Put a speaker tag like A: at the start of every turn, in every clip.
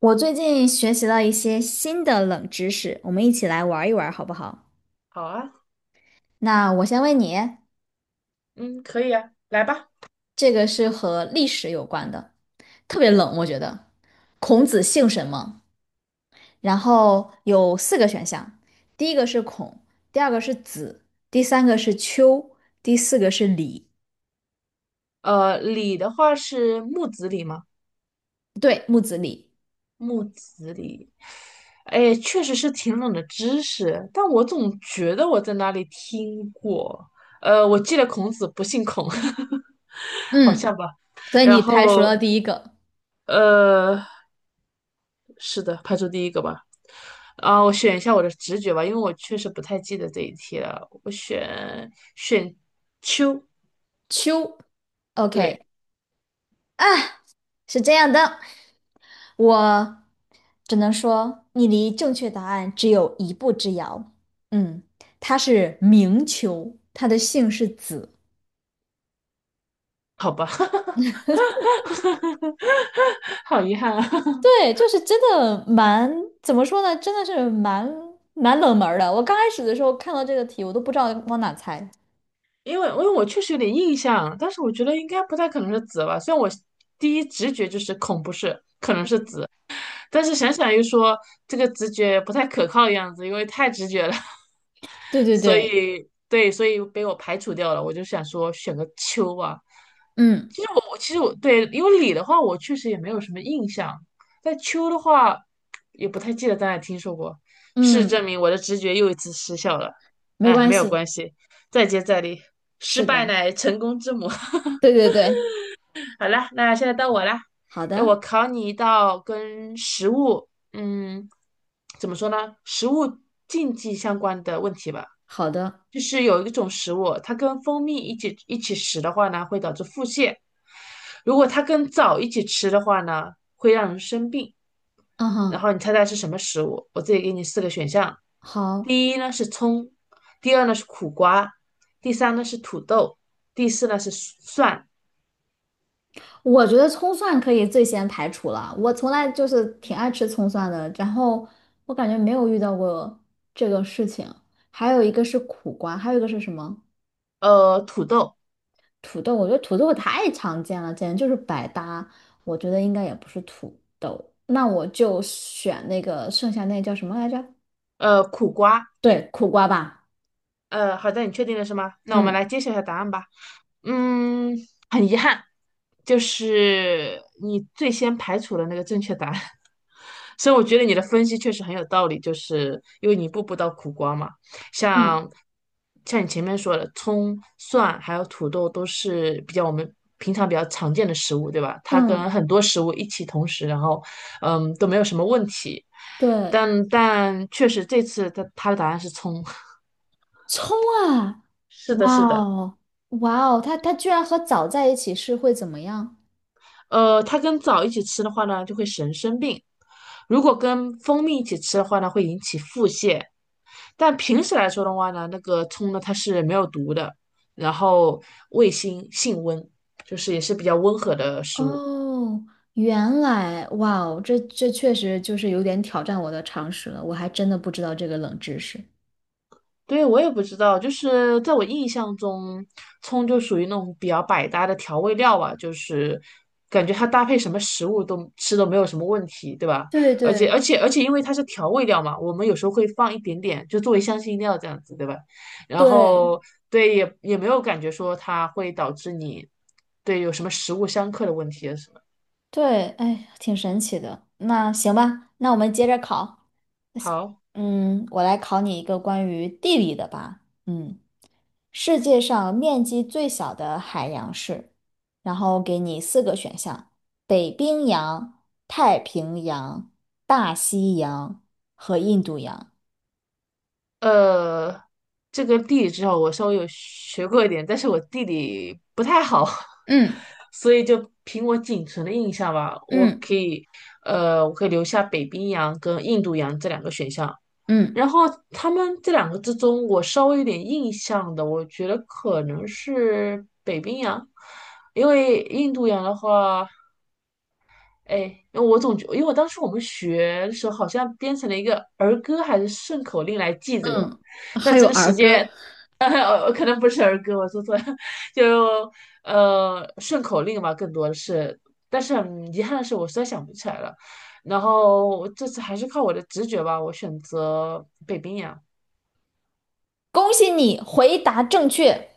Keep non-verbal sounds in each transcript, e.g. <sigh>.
A: 我最近学习了一些新的冷知识，我们一起来玩一玩好不好？
B: 好啊，
A: 那我先问你，
B: 嗯，可以啊，来吧。
A: 这个是和历史有关的，特别冷，我觉得。孔子姓什么？然后有四个选项，第一个是孔，第二个是子，第三个是丘，第四个是李。
B: 李的话是木子李吗？
A: 对，木子李。
B: 木子李，哎，确实是挺冷的知识，但我总觉得我在哪里听过。我记得孔子不姓孔，<laughs> 好
A: 嗯，
B: 像吧。
A: 所以
B: 然
A: 你排除
B: 后，
A: 了第一个
B: 呃，是的，排除第一个吧。啊，我选一下我的直觉吧，因为我确实不太记得这一题了。我选秋，
A: 丘。OK，
B: 对，
A: 啊，是这样的。我只能说，你离正确答案只有一步之遥。嗯，他是明囚，他的姓是子。
B: 好吧。<laughs> <laughs> 好遗憾啊，<laughs>
A: 对，就是真的蛮，怎么说呢？真的是蛮冷门儿的。我刚开始的时候看到这个题，我都不知道往哪猜。
B: 因为我确实有点印象，但是我觉得应该不太可能是紫吧，虽然我第一直觉就是恐不是，可能是紫。但是想想又说这个直觉不太可靠的样子，因为太直觉了，
A: 对
B: <laughs>
A: 对
B: 所
A: 对，
B: 以对，所以被我排除掉了。我就想说选个秋吧。
A: 嗯
B: 其实我对，因为李的话我确实也没有什么印象，但秋的话也不太记得在哪听说过。事实
A: 嗯，
B: 证明我的直觉又一次失效了，
A: 没
B: 哎，
A: 关
B: 没有
A: 系，
B: 关系，再接再厉，失
A: 是
B: 败
A: 的，
B: 乃成功之母。<laughs>
A: 对对对，
B: 好啦，那现在到我啦，
A: 好
B: 那我
A: 的，
B: 考你一道跟食物，嗯，怎么说呢？食物禁忌相关的问题吧。
A: 好的，
B: 就是有一种食物，它跟蜂蜜一起食的话呢，会导致腹泻；如果它跟枣一起吃的话呢，会让人生病。
A: 嗯
B: 然
A: 哼，
B: 后你猜猜是什么食物？我这里给你四个选项：
A: 好。
B: 第一呢是葱，第二呢是苦瓜，第三呢是土豆，第四呢是蒜，
A: 我觉得葱蒜可以最先排除了，我从来就是挺爱吃葱蒜的，然后我感觉没有遇到过这个事情。还有一个是苦瓜，还有一个是什么？
B: 土豆，
A: 土豆，我觉得土豆太常见了，简直就是百搭。我觉得应该也不是土豆，那我就选那个剩下那叫什么来着？
B: 苦瓜。
A: 对，苦瓜吧。
B: 好的，你确定了是吗？那我们
A: 嗯
B: 来揭晓一下答案吧。嗯，很遗憾，就是你最先排除了那个正确答案，<laughs> 所以我觉得你的分析确实很有道理，就是因为你一步步到苦瓜嘛，
A: <laughs> 嗯
B: 像像你前面说的，葱、蒜还有土豆都是比较我们平常比较常见的食物，对吧？它跟
A: 嗯，
B: 很多食物一起同时，然后都没有什么问题，
A: 对，
B: 但确实这次他的答案是葱，<laughs>
A: 葱啊，
B: 是的，
A: 哇
B: 是的。
A: 哦，哇哦，它居然和枣在一起是会怎么样？
B: 它跟枣一起吃的话呢，就会使人生病；如果跟蜂蜜一起吃的话呢，会引起腹泻。但平时来说的话呢，那个葱呢，它是没有毒的，然后味辛性温，就是也是比较温和的食物。
A: 哦，原来，哇哦，这确实就是有点挑战我的常识了，我还真的不知道这个冷知识。
B: 对，我也不知道，就是在我印象中，葱就属于那种比较百搭的调味料吧，就是感觉它搭配什么食物都吃都没有什么问题，对吧？
A: 对
B: 而且而
A: 对，
B: 且而且，因为它是调味料嘛，我们有时候会放一点点，就作为香辛料这样子，对吧？然
A: 对
B: 后对，也没有感觉说它会导致你对有什么食物相克的问题啊什么。
A: 对，哎，挺神奇的。那行吧，那我们接着考。
B: 好。
A: 嗯，我来考你一个关于地理的吧。嗯，世界上面积最小的海洋是，然后给你四个选项：北冰洋、太平洋、大西洋和印度洋。
B: 呃，这个地理至少我稍微有学过一点，但是我地理不太好，<laughs>
A: 嗯
B: 所以就凭我仅存的印象吧，我
A: 嗯。
B: 可以，呃，我可以留下北冰洋跟印度洋这两个选项。
A: 嗯
B: 然后他们这两个之中，我稍微有点印象的，我觉得可能是北冰洋，因为印度洋的话。哎，我总觉，因为我当时我们学的时候好像编成了一个儿歌还是顺口令来记这个，
A: 嗯，还
B: 但
A: 有
B: 真的时
A: 儿歌，
B: 间，<laughs> 可能不是儿歌，我说错了，<laughs> 就顺口令吧，更多的是，但是很遗憾的是，我实在想不起来了。然后这次还是靠我的直觉吧，我选择北冰洋。
A: 恭喜你回答正确，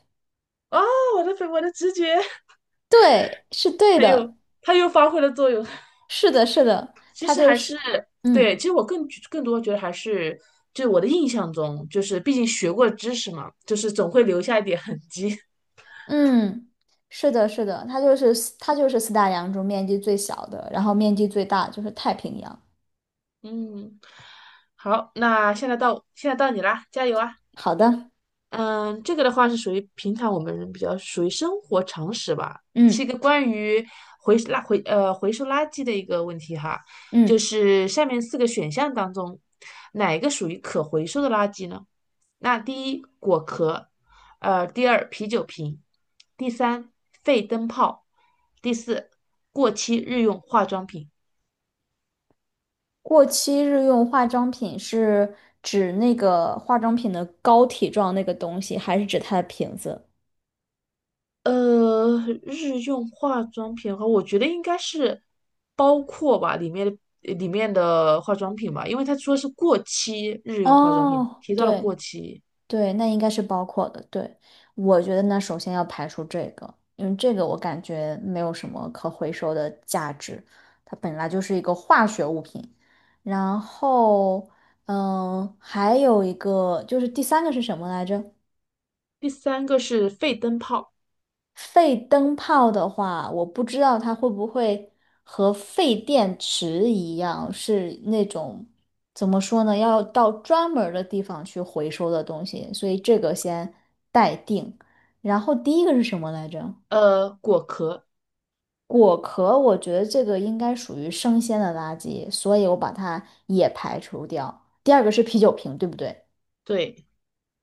B: 啊，我的北，我的直觉，
A: 对，是对
B: 它又
A: 的，
B: 它又发挥了作用。<laughs>
A: 是的，是的，
B: 其
A: 他
B: 实
A: 就
B: 还是
A: 是，嗯
B: 对，其实我更多觉得还是，就我的印象中，就是毕竟学过知识嘛，就是总会留下一点痕迹。<laughs>
A: 嗯，是的，是的，他就是四大洋中面积最小的，然后面积最大就是太平洋。
B: 嗯，好，那现在到你啦，加油啊！
A: 好的，
B: 嗯，这个的话是属于平常我们比较属于生活常识吧，是一
A: 嗯
B: 个关于回收垃圾的一个问题哈，就
A: 嗯，
B: 是下面四个选项当中，哪一个属于可回收的垃圾呢？那第一果壳，第二啤酒瓶，第三废灯泡，第四过期日用化妆品。
A: 过期日用化妆品是指那个化妆品的膏体状那个东西，还是指它的瓶子？
B: 呃，日用化妆品的话，我觉得应该是包括吧，里面的化妆品吧，因为他说是过期日用化妆品，
A: 哦，
B: 提到了过
A: 对。
B: 期。
A: 对，那应该是包括的。对，我觉得呢，首先要排除这个，因为这个我感觉没有什么可回收的价值，它本来就是一个化学物品。然后，嗯，还有一个就是第三个是什么来着？
B: 第三个是废灯泡，
A: 废灯泡的话，我不知道它会不会和废电池一样，是那种怎么说呢，要到专门儿的地方去回收的东西，所以这个先待定。然后第一个是什么来着？
B: 果壳，
A: 果壳，我觉得这个应该属于生鲜的垃圾，所以我把它也排除掉。第二个是啤酒瓶，对不对？
B: 对，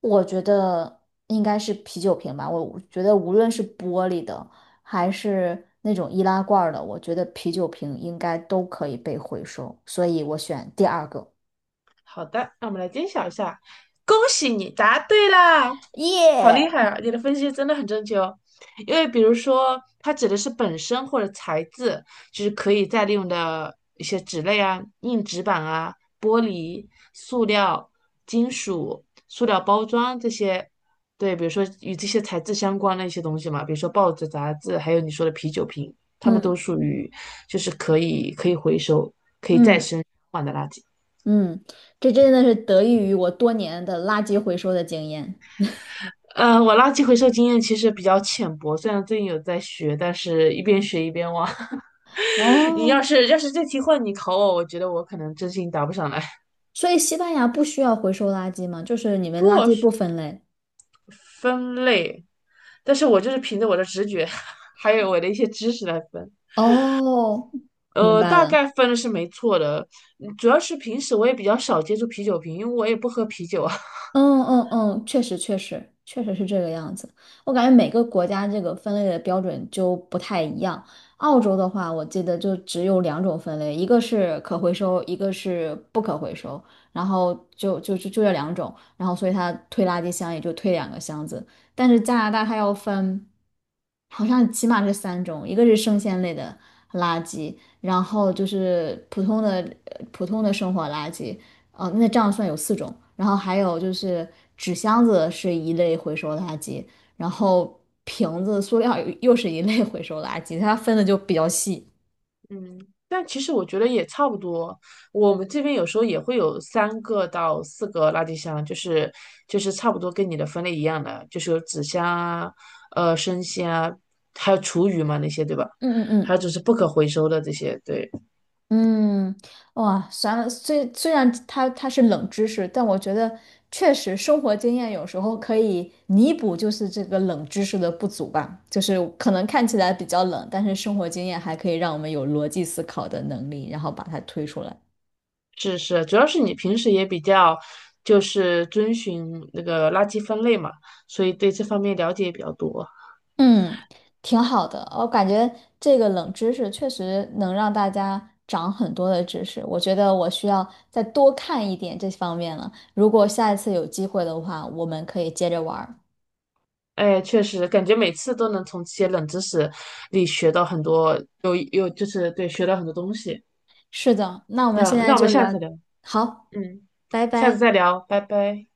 A: 我觉得应该是啤酒瓶吧。我觉得无论是玻璃的还是那种易拉罐儿的，我觉得啤酒瓶应该都可以被回收，所以我选第二个。
B: 好的，让我们来揭晓一下。恭喜你答对啦，好厉
A: 耶！
B: 害啊！你的分析真的很正确哦。因为比如说，它指的是本身或者材质，就是可以再利用的一些纸类啊、硬纸板啊、玻璃、塑料、金属、塑料包装这些。对，比如说与这些材质相关的一些东西嘛，比如说报纸、杂志，还有你说的啤酒瓶，它们
A: 嗯
B: 都属于就是可以回收
A: 嗯
B: 换的垃圾。
A: 嗯，这真的是得益于我多年的垃圾回收的经验。
B: 我垃圾回收经验其实比较浅薄，虽然最近有在学，但是一边学一边忘。<laughs> 你要
A: 哦，
B: 是要是这题换你考我，我觉得我可能真心答不上来。
A: 所以西班牙不需要回收垃圾吗？就是你
B: <laughs>
A: 们垃
B: 不
A: 圾
B: 是
A: 不分类。
B: 分类，但是我就是凭着我的直觉，<laughs> 还有我的一些知识来分。
A: 哦，明白
B: 大
A: 了。
B: 概分的是没错的，主要是平时我也比较少接触啤酒瓶，因为我也不喝啤酒啊。
A: 嗯嗯嗯，确实确实确实是这个样子。我感觉每个国家这个分类的标准就不太一样。澳洲的话，我记得就只有两种分类，一个是可回收，一个是不可回收。然后就这两种，然后所以它推垃圾箱也就推两个箱子。但是加拿大它要分，好像起码是三种，一个是生鲜类的垃圾，然后就是普通的生活垃圾。哦，那这样算有四种。然后还有就是纸箱子是一类回收垃圾，然后瓶子、塑料又是一类回收垃圾，它分的就比较细。
B: 嗯，但其实我觉得也差不多。我们这边有时候也会有三个到四个垃圾箱，就是差不多跟你的分类一样的，就是有纸箱啊、生鲜啊，还有厨余嘛那些，对吧？
A: 嗯嗯
B: 还
A: 嗯
B: 有就是不可回收的这些，对，
A: 嗯，哇，算了，虽然它是冷知识，但我觉得确实生活经验有时候可以弥补就是这个冷知识的不足吧，就是可能看起来比较冷，但是生活经验还可以让我们有逻辑思考的能力，然后把它推出来。
B: 是是，主要是你平时也比较就是遵循那个垃圾分类嘛，所以对这方面了解也比较多。
A: 嗯，挺好的，我感觉这个冷知识确实能让大家长很多的知识。我觉得我需要再多看一点这方面了。如果下一次有机会的话，我们可以接着玩儿。
B: 哎，确实，感觉每次都能从这些冷知识里学到很多，有就是对，学到很多东西。
A: 是的，那我
B: 这
A: 们现
B: 样
A: 在
B: 那我们
A: 就
B: 下
A: 聊，
B: 次聊，
A: 好，
B: 嗯，
A: 拜
B: 下次
A: 拜。
B: 再聊，拜拜。